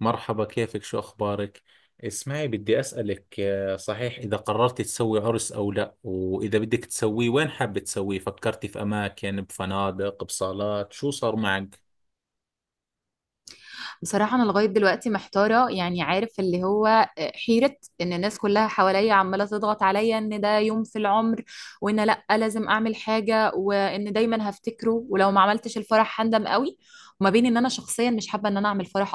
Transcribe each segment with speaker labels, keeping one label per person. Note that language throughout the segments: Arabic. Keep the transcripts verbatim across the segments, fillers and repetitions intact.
Speaker 1: مرحبا، كيفك؟ شو أخبارك؟ اسمعي، بدي أسألك آه، صحيح إذا قررت تسوي عرس أو لا، وإذا بدك تسويه وين حابة تسويه؟ فكرتي في أماكن، بفنادق، بصالات، شو صار معك؟
Speaker 2: بصراحة أنا لغاية دلوقتي محتارة، يعني عارف اللي هو آه، حيرة إن الناس كلها حواليا عمالة تضغط عليا إن ده يوم في العمر، وإن لأ لازم أعمل حاجة، وإن دايما هفتكره ولو ما عملتش الفرح هندم قوي. وما بين إن أنا شخصيا مش حابة إن أنا أعمل فرح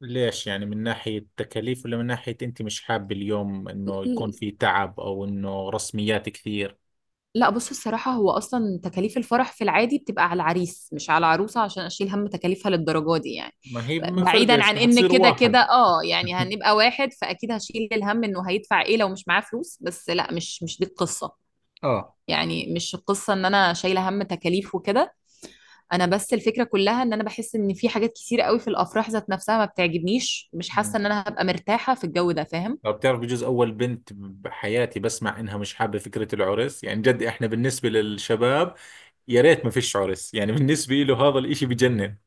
Speaker 1: ليش؟ يعني من ناحية تكاليف، ولا من ناحية أنت مش حابة اليوم إنه يكون
Speaker 2: أصلا.
Speaker 1: في تعب أو إنه رسميات كثير؟
Speaker 2: لا، بص، الصراحة هو أصلا تكاليف الفرح في العادي بتبقى على العريس مش على العروسة، عشان أشيل هم تكاليفها للدرجة دي يعني.
Speaker 1: ما هي ما
Speaker 2: بعيدا
Speaker 1: فرقش،
Speaker 2: عن
Speaker 1: رح
Speaker 2: إن
Speaker 1: تصير
Speaker 2: كده
Speaker 1: واحد.
Speaker 2: كده اه يعني هنبقى واحد، فأكيد هشيل الهم إنه هيدفع إيه لو مش معاه فلوس، بس لا، مش مش دي القصة.
Speaker 1: اه.
Speaker 2: يعني مش القصة إن أنا شايلة هم تكاليف وكده. أنا بس الفكرة كلها إن أنا بحس إن في حاجات كتير قوي في الأفراح ذات نفسها ما بتعجبنيش، مش حاسة إن أنا هبقى مرتاحة في الجو ده، فاهم؟
Speaker 1: لو بتعرف، بجوز أول بنت بحياتي بسمع إنها مش حابة فكرة العرس. يعني جد، إحنا بالنسبة للشباب يا ريت ما فيش عرس، يعني بالنسبة له هذا الاشي بجنن.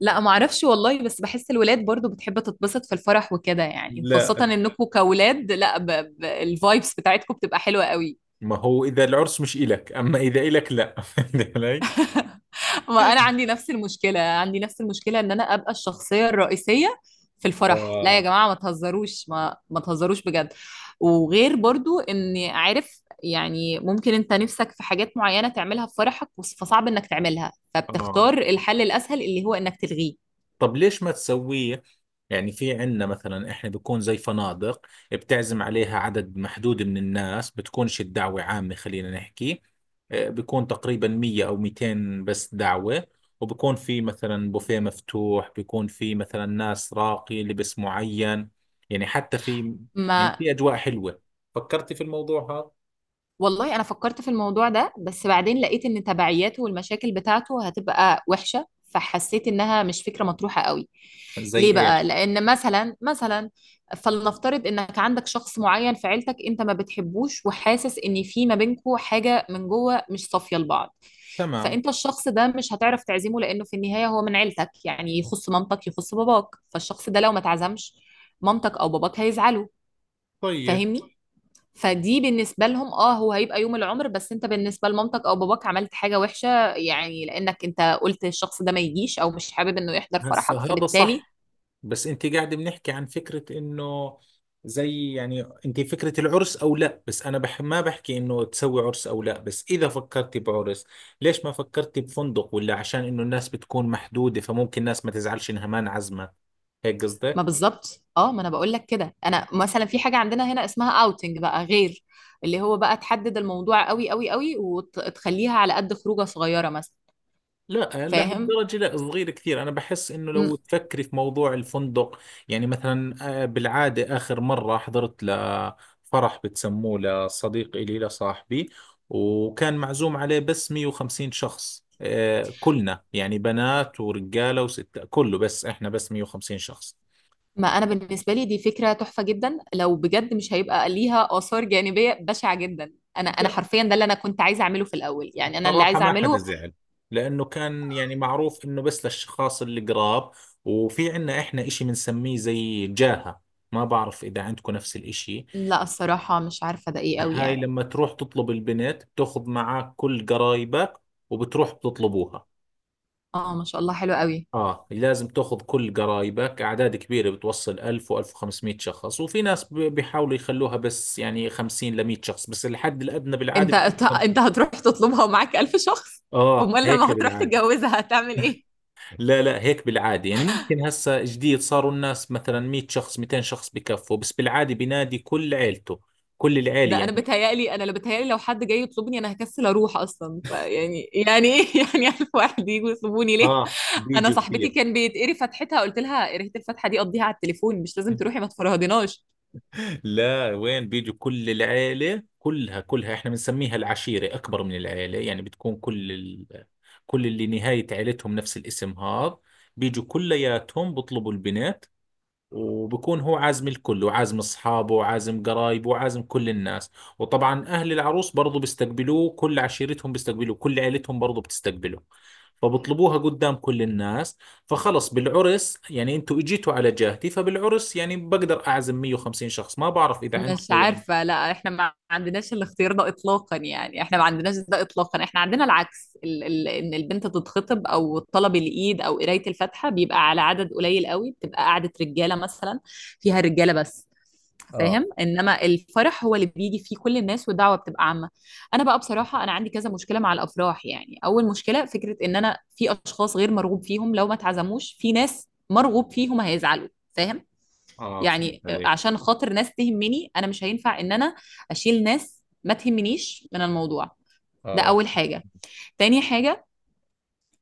Speaker 2: لا ما اعرفش والله، بس بحس الولاد برضو بتحب تتبسط في الفرح وكده يعني، وخاصة
Speaker 1: لا،
Speaker 2: انكم كولاد. لا، ب... ب... الفايبس بتاعتكم بتبقى حلوة قوي.
Speaker 1: ما هو اذا العرس مش إلك، اما اذا إلك لا. فهمت علي؟
Speaker 2: ما انا عندي نفس المشكلة، عندي نفس المشكلة ان انا ابقى الشخصية الرئيسية في الفرح. لا يا
Speaker 1: آه.
Speaker 2: جماعة ما تهزروش، ما ما تهزروش بجد. وغير برضو اني عارف يعني ممكن انت نفسك في حاجات معينة تعملها في فرحك، وص- فصعب انك تعملها
Speaker 1: اه.
Speaker 2: فبتختار الحل الاسهل اللي هو انك تلغيه.
Speaker 1: طب ليش ما تسويه؟ يعني في عندنا مثلا، احنا بيكون زي فنادق، بتعزم عليها عدد محدود من الناس، بتكونش الدعوة عامة، خلينا نحكي آه، بيكون تقريبا مية او ميتين بس دعوة. وبكون في مثلا بوفيه مفتوح، بيكون في مثلا ناس راقي، لبس معين، يعني حتى في يعني
Speaker 2: ما
Speaker 1: في اجواء حلوة. فكرتي في الموضوع هذا؟
Speaker 2: والله انا فكرت في الموضوع ده، بس بعدين لقيت ان تبعياته والمشاكل بتاعته هتبقى وحشة، فحسيت انها مش فكرة مطروحة قوي.
Speaker 1: زي
Speaker 2: ليه بقى؟
Speaker 1: ايش؟
Speaker 2: لان مثلا، مثلا فلنفترض انك عندك شخص معين في عيلتك انت ما بتحبوش وحاسس ان في ما بينكوا حاجة من جوه مش صافية لبعض.
Speaker 1: تمام.
Speaker 2: فانت الشخص ده مش هتعرف تعزمه، لانه في النهاية هو من عيلتك يعني، يخص مامتك يخص باباك. فالشخص ده لو ما تعزمش مامتك او باباك هيزعلوا،
Speaker 1: طيب.
Speaker 2: فاهمني؟ فدي بالنسبة لهم اه هو هيبقى يوم العمر، بس انت بالنسبة لمامتك او باباك عملت حاجة وحشة، يعني لانك انت قلت الشخص ده ما يجيش او مش حابب انه يحضر فرحك،
Speaker 1: هسه هذا
Speaker 2: فبالتالي...
Speaker 1: صح، بس انت قاعد بنحكي عن فكرة انه، زي يعني، انت فكرة العرس او لا، بس انا بح ما بحكي انه تسوي عرس او لا، بس اذا فكرتي بعرس ليش ما فكرتي بفندق؟ ولا عشان انه الناس بتكون محدودة، فممكن الناس ما تزعلش انها ما انعزمت، هيك
Speaker 2: ما
Speaker 1: قصدك؟
Speaker 2: بالظبط اه، ما انا بقول لك كده. انا مثلا في حاجة عندنا هنا اسمها اوتنج بقى، غير اللي هو بقى تحدد الموضوع قوي قوي قوي وتخليها على قد خروجة صغيرة مثلا.
Speaker 1: لا،
Speaker 2: فاهم؟
Speaker 1: لهالدرجة لا، صغير كثير. أنا بحس إنه
Speaker 2: م-
Speaker 1: لو تفكري في موضوع الفندق، يعني مثلا، آه، بالعادة آخر مرة حضرت لفرح بتسموه، لصديق إلي، لصاحبي، وكان معزوم عليه بس مئة وخمسين شخص، آه، كلنا يعني، بنات ورجالة وستة كله، بس إحنا بس مئة وخمسين شخص.
Speaker 2: ما انا بالنسبة لي دي فكرة تحفة جدا، لو بجد مش هيبقى ليها آثار جانبية بشعة جدا. انا انا
Speaker 1: لا،
Speaker 2: حرفيا ده اللي انا كنت عايزه اعمله في الاول، يعني انا اللي
Speaker 1: بصراحة
Speaker 2: عايزه
Speaker 1: ما حدا
Speaker 2: اعمله.
Speaker 1: زعل، لأنه كان يعني معروف إنه بس للأشخاص اللي قراب. وفي عنا إحنا إشي بنسميه زي جاهة، ما بعرف إذا عندكم نفس الإشي.
Speaker 2: لا الصراحة مش عارفة ده ايه قوي
Speaker 1: هاي
Speaker 2: يعني.
Speaker 1: لما تروح تطلب البنت بتاخذ معك كل قرايبك، وبتروح بتطلبوها.
Speaker 2: اه، ما شاء الله حلو قوي.
Speaker 1: اه، لازم تاخذ كل قرايبك، اعداد كبيره بتوصل ألف و1500 شخص، وفي ناس ب- بيحاولوا يخلوها بس يعني خمسين ل مية شخص، بس الحد الادنى بالعاده
Speaker 2: انت
Speaker 1: بيكون
Speaker 2: انت أنت
Speaker 1: خمسمية.
Speaker 2: هتروح تطلبها ومعاك ألف شخص؟
Speaker 1: اه،
Speaker 2: امال
Speaker 1: هيك
Speaker 2: لما هتروح
Speaker 1: بالعاده.
Speaker 2: تتجوزها هتعمل ايه؟
Speaker 1: لا لا، هيك بالعاده، يعني ممكن هسه جديد صاروا الناس مثلا مية شخص، ميتين شخص بكفوا، بس بالعاده بينادي كل عيلته، كل العيله
Speaker 2: ده انا
Speaker 1: يعني.
Speaker 2: بتهيألي، انا لو بتهيألي لو حد جاي يطلبني انا هكسل اروح اصلا، فيعني يعني يعني ايه يعني ألف واحد يجوا يطلبوني ليه؟
Speaker 1: اه،
Speaker 2: انا
Speaker 1: بيجوا
Speaker 2: صاحبتي
Speaker 1: كثير.
Speaker 2: كان بيتقري فتحتها قلت لها قريت الفتحة دي قضيها على التليفون، مش لازم تروحي ما تفرهدناش.
Speaker 1: لا، وين؟ بيجوا كل العيلة كلها كلها. احنا بنسميها العشيرة، أكبر من العيلة، يعني بتكون كل ال... كل اللي نهاية عيلتهم نفس الاسم هذا، بيجوا كلياتهم بطلبوا البنت. وبكون هو عازم الكل، وعازم اصحابه، وعازم قرايبه، وعازم كل الناس. وطبعا اهل العروس برضو بيستقبلوه، كل عشيرتهم بيستقبلوه، كل عيلتهم برضو بتستقبله، فبطلبوها قدام كل الناس. فخلص بالعرس يعني، انتوا اجيتوا على جهتي، فبالعرس يعني بقدر اعزم مية وخمسين شخص، ما بعرف اذا
Speaker 2: مش
Speaker 1: عندكم يعني.
Speaker 2: عارفة، لا احنا ما عندناش الاختيار ده اطلاقا يعني، احنا ما عندناش ده اطلاقا. احنا عندنا العكس، ال ال ان البنت تتخطب او طلب الايد او قراية الفاتحة بيبقى على عدد قليل قوي، بتبقى قعدة رجالة مثلا فيها رجالة بس،
Speaker 1: اه
Speaker 2: فاهم؟ انما الفرح هو اللي بيجي فيه كل الناس والدعوة بتبقى عامة. انا بقى بصراحة انا عندي كذا مشكلة مع الافراح. يعني اول مشكلة فكرة ان انا في اشخاص غير مرغوب فيهم لو ما اتعزموش، في ناس مرغوب فيهم هيزعلوا، فاهم؟
Speaker 1: اه، فهمت
Speaker 2: يعني آه،
Speaker 1: عليك.
Speaker 2: عشان خاطر ناس تهمني انا مش هينفع ان انا اشيل ناس ما تهمنيش من الموضوع. ده
Speaker 1: اه
Speaker 2: اول حاجه. تاني حاجه،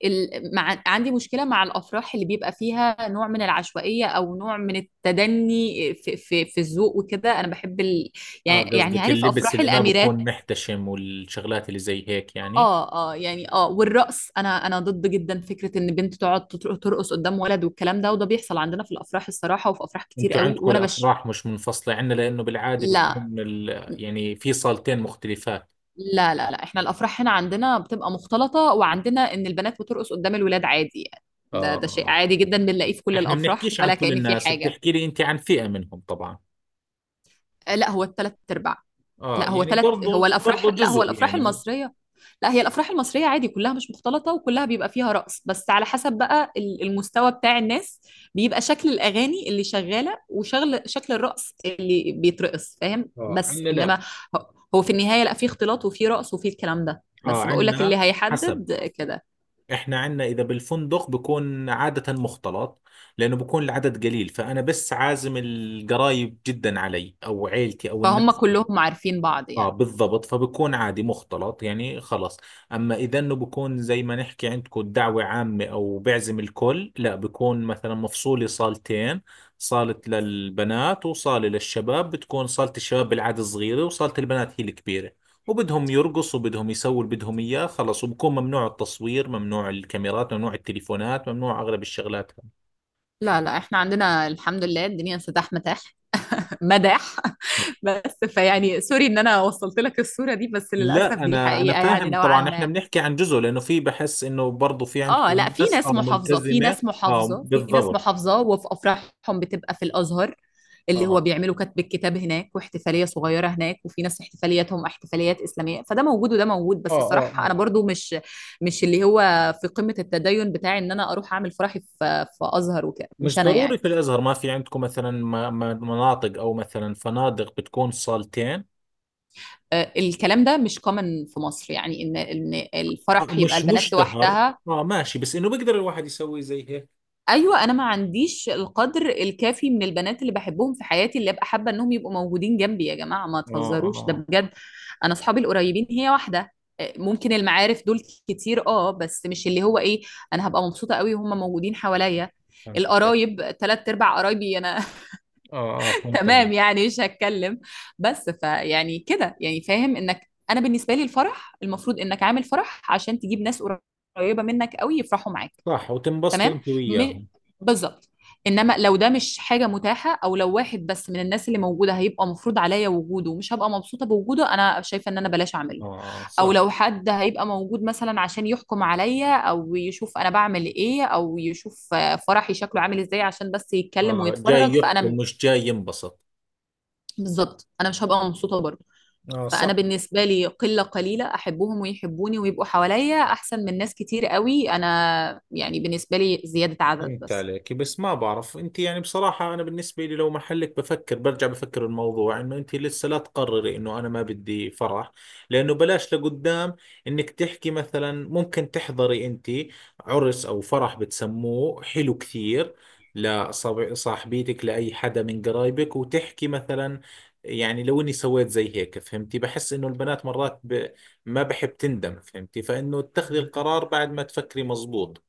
Speaker 2: ال... مع... عندي مشكله مع الافراح اللي بيبقى فيها نوع من العشوائيه او نوع من التدني في في, في الذوق وكده. انا بحب ال...
Speaker 1: اه،
Speaker 2: يعني يعني
Speaker 1: قصدك
Speaker 2: عارف
Speaker 1: اللبس
Speaker 2: افراح
Speaker 1: اللي ما
Speaker 2: الاميرات.
Speaker 1: بكون محتشم والشغلات اللي زي هيك يعني.
Speaker 2: اه اه يعني اه، والرقص. انا انا ضد جدا فكره ان بنت تقعد تطر- ترقص قدام ولد والكلام ده، وده بيحصل عندنا في الافراح الصراحه، وفي افراح كتير
Speaker 1: انتوا
Speaker 2: قوي،
Speaker 1: عندكم
Speaker 2: وانا بش...
Speaker 1: الافراح مش منفصله، عندنا لانه بالعاده
Speaker 2: لا
Speaker 1: بيكون ال... يعني في صالتين مختلفات.
Speaker 2: لا لا لا، احنا الافراح هنا عندنا بتبقى مختلطه، وعندنا ان البنات بترقص قدام الولاد عادي يعني. ده ده شيء
Speaker 1: اه،
Speaker 2: عادي جدا بنلاقيه في كل
Speaker 1: احنا
Speaker 2: الافراح
Speaker 1: بنحكيش عن
Speaker 2: ولا
Speaker 1: كل
Speaker 2: كأن في
Speaker 1: الناس،
Speaker 2: حاجه.
Speaker 1: بتحكي لي انت عن فئه منهم طبعا.
Speaker 2: آه، لا هو الثلاث ارباع.
Speaker 1: اه
Speaker 2: لا هو
Speaker 1: يعني،
Speaker 2: ثلاث، هو
Speaker 1: برضو برضو
Speaker 2: الافراح لا هو
Speaker 1: جزء
Speaker 2: الافراح
Speaker 1: يعني.
Speaker 2: المصريه، لا هي الافراح المصريه عادي كلها مش مختلطه، وكلها بيبقى فيها رقص بس على حسب بقى ال- المستوى بتاع الناس، بيبقى شكل الاغاني اللي شغاله وشغل شكل الرقص اللي بيترقص، فاهم؟
Speaker 1: اه،
Speaker 2: بس
Speaker 1: عندنا
Speaker 2: انما
Speaker 1: لا.
Speaker 2: هو هو في النهايه لا في اختلاط وفي رقص وفي الكلام ده،
Speaker 1: اه،
Speaker 2: بس بقول لك اللي
Speaker 1: عندنا حسب.
Speaker 2: هيحدد كده.
Speaker 1: احنا عندنا اذا بالفندق بكون عاده مختلط، لانه بكون العدد قليل، فانا بس عازم القرايب جدا علي، او عيلتي، او
Speaker 2: فهم
Speaker 1: الناس.
Speaker 2: كلهم عارفين بعض
Speaker 1: اه،
Speaker 2: يعني.
Speaker 1: بالضبط، فبكون عادي مختلط يعني خلص. اما اذا انه بكون زي ما نحكي عندكم دعوة عامة او بعزم الكل، لا، بكون مثلا مفصولي صالتين، صالة للبنات وصالة للشباب. بتكون صالة الشباب بالعادة صغيرة، وصالة البنات هي الكبيرة، وبدهم يرقصوا، بدهم يسووا اللي بدهم اياه، خلص. وبكون ممنوع التصوير، ممنوع الكاميرات، ممنوع التليفونات، ممنوع اغلب الشغلات.
Speaker 2: لا لا، احنا عندنا الحمد لله الدنيا سداح متاح، مداح بس فيعني سوري ان انا وصلت لك الصورة دي، بس للأسف
Speaker 1: لا،
Speaker 2: دي
Speaker 1: انا انا
Speaker 2: حقيقة يعني
Speaker 1: فاهم
Speaker 2: نوعا
Speaker 1: طبعا، احنا
Speaker 2: ما.
Speaker 1: بنحكي عن جزء، لانه في، بحس انه برضه في
Speaker 2: اه،
Speaker 1: عندكم
Speaker 2: لا في
Speaker 1: ناس اه
Speaker 2: ناس محافظة، في
Speaker 1: ملتزمه.
Speaker 2: ناس
Speaker 1: اه،
Speaker 2: محافظة في ناس
Speaker 1: بالضبط.
Speaker 2: محافظة وفي أفراحهم بتبقى في الأزهر،
Speaker 1: اه
Speaker 2: اللي هو
Speaker 1: اه.
Speaker 2: بيعملوا كتب الكتاب هناك واحتفالية صغيرة هناك. وفي ناس احتفالياتهم احتفاليات إسلامية، فده موجود وده موجود.
Speaker 1: اه
Speaker 2: بس الصراحة
Speaker 1: اه،
Speaker 2: أنا برضو مش مش اللي هو في قمة التدين بتاعي إن أنا أروح أعمل فرحي في في أزهر وكده، مش
Speaker 1: مش
Speaker 2: أنا
Speaker 1: ضروري
Speaker 2: يعني.
Speaker 1: في الازهر، ما في عندكم مثلا م- م- مناطق او مثلا فنادق بتكون صالتين؟
Speaker 2: آه، الكلام ده مش كومن في مصر يعني ان ان
Speaker 1: آه،
Speaker 2: الفرح يبقى
Speaker 1: مش
Speaker 2: البنات
Speaker 1: مشتهر.
Speaker 2: لوحدها.
Speaker 1: اه ماشي، بس انه بيقدر الواحد يسوي زي هيك.
Speaker 2: ايوه، انا ما عنديش القدر الكافي من البنات اللي بحبهم في حياتي اللي ابقى حابه انهم يبقوا موجودين جنبي. يا جماعه ما
Speaker 1: اه
Speaker 2: تهزروش ده
Speaker 1: اه،
Speaker 2: بجد. انا اصحابي القريبين هي واحده. آه، ممكن المعارف دول كتير، اه، بس مش اللي هو ايه، انا هبقى مبسوطه قوي وهم موجودين حواليا.
Speaker 1: فهمت عليك.
Speaker 2: القرايب ثلاث ارباع قرايبي انا،
Speaker 1: اه اه، فهمت
Speaker 2: تمام؟
Speaker 1: عليك.
Speaker 2: يعني مش هتكلم. بس فيعني كده يعني، فاهم انك انا بالنسبه لي الفرح المفروض انك عامل فرح عشان تجيب ناس قريبه منك قوي يفرحوا معاك.
Speaker 1: صح، وتنبسطي
Speaker 2: تمام،
Speaker 1: انت
Speaker 2: م...
Speaker 1: وياهم.
Speaker 2: بالظبط. انما لو ده مش حاجه متاحه، او لو واحد بس من الناس اللي موجوده هيبقى مفروض عليا وجوده، ومش هبقى مبسوطه بوجوده، انا شايفه ان انا بلاش اعمله.
Speaker 1: اه آه،
Speaker 2: او
Speaker 1: صح.
Speaker 2: لو حد هيبقى موجود مثلا عشان يحكم عليا او يشوف انا بعمل ايه او يشوف آه، فرحي شكله عامل ازاي عشان بس يتكلم
Speaker 1: اه، جاي
Speaker 2: ويتفرج،
Speaker 1: يحكم
Speaker 2: فانا
Speaker 1: مش جاي ينبسط.
Speaker 2: بالظبط انا مش هبقى مبسوطه برضه.
Speaker 1: اه،
Speaker 2: فانا
Speaker 1: صح.
Speaker 2: بالنسبه لي قله قليله احبهم ويحبوني ويبقوا حواليا احسن من ناس كتير قوي، انا يعني بالنسبه لي زياده عدد
Speaker 1: فهمت
Speaker 2: بس.
Speaker 1: عليك، بس ما بعرف انت، يعني بصراحة انا بالنسبة لي لو محلك بفكر، برجع بفكر الموضوع انه انت لسه لا تقرري انه انا ما بدي فرح، لانه بلاش لقدام انك تحكي مثلا، ممكن تحضري انت عرس او فرح بتسموه حلو كثير لصاحبيتك، لأي حدا من قرايبك، وتحكي مثلا يعني لو اني سويت زي هيك، فهمتي، بحس انه البنات مرات ب... ما بحب تندم، فهمتي، فانه تاخذي القرار بعد ما تفكري مزبوط.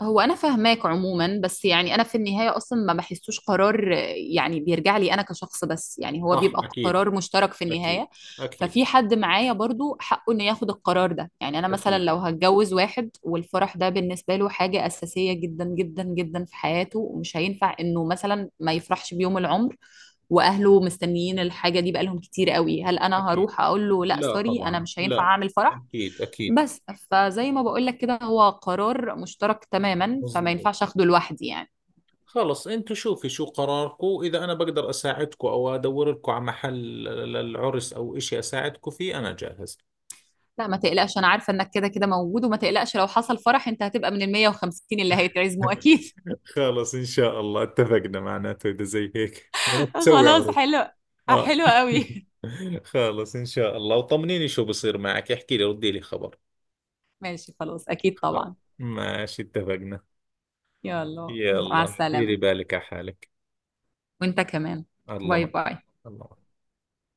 Speaker 2: هو انا فاهماك عموما، بس يعني انا في النهايه اصلا ما بحسوش قرار آه، يعني بيرجع لي انا كشخص بس، يعني هو
Speaker 1: صح.
Speaker 2: بيبقى
Speaker 1: أكيد،
Speaker 2: قرار مشترك في
Speaker 1: أكيد،
Speaker 2: النهايه.
Speaker 1: أكيد.
Speaker 2: ففي حد معايا برضو حقه انه ياخد القرار ده. يعني انا مثلا
Speaker 1: أكيد،
Speaker 2: لو هتجوز واحد والفرح ده بالنسبه له حاجه اساسيه جدا جدا جدا في حياته، ومش هينفع انه مثلا ما يفرحش بيوم العمر، واهله مستنيين الحاجه دي بقالهم كتير قوي، هل انا
Speaker 1: أكيد،
Speaker 2: هروح اقول له لا
Speaker 1: لا
Speaker 2: سوري انا
Speaker 1: طبعا
Speaker 2: مش هينفع
Speaker 1: لا،
Speaker 2: اعمل فرح؟
Speaker 1: أكيد أكيد.
Speaker 2: بس... فزي ما بقول لك كده، هو قرار مشترك تماما، فما
Speaker 1: مظبوط.
Speaker 2: ينفعش اخده لوحدي يعني.
Speaker 1: خلص أنتوا شوفي شو قراركم، إذا أنا بقدر أساعدكم أو أدور لكم على محل للعرس أو إشي أساعدكم فيه، أنا جاهز.
Speaker 2: لا ما تقلقش، انا عارفه انك كده كده موجود، وما تقلقش لو حصل فرح انت هتبقى من ال مية وخمسين اللي هيتعزموا اكيد.
Speaker 1: خلص إن شاء الله اتفقنا معناته، إذا زي هيك معناته تسوي
Speaker 2: خلاص
Speaker 1: عرس.
Speaker 2: حلو،
Speaker 1: آه.
Speaker 2: حلو قوي.
Speaker 1: خلص إن شاء الله، وطمنيني شو بصير معك، احكي لي، ردي لي خبر.
Speaker 2: ماشي خلاص اكيد
Speaker 1: خلص.
Speaker 2: طبعا.
Speaker 1: ماشي، اتفقنا.
Speaker 2: يلا مع
Speaker 1: يلا،
Speaker 2: السلامه.
Speaker 1: ديري بالك على حالك.
Speaker 2: وانت كمان.
Speaker 1: الله
Speaker 2: باي
Speaker 1: معك.
Speaker 2: باي.
Speaker 1: الله معك.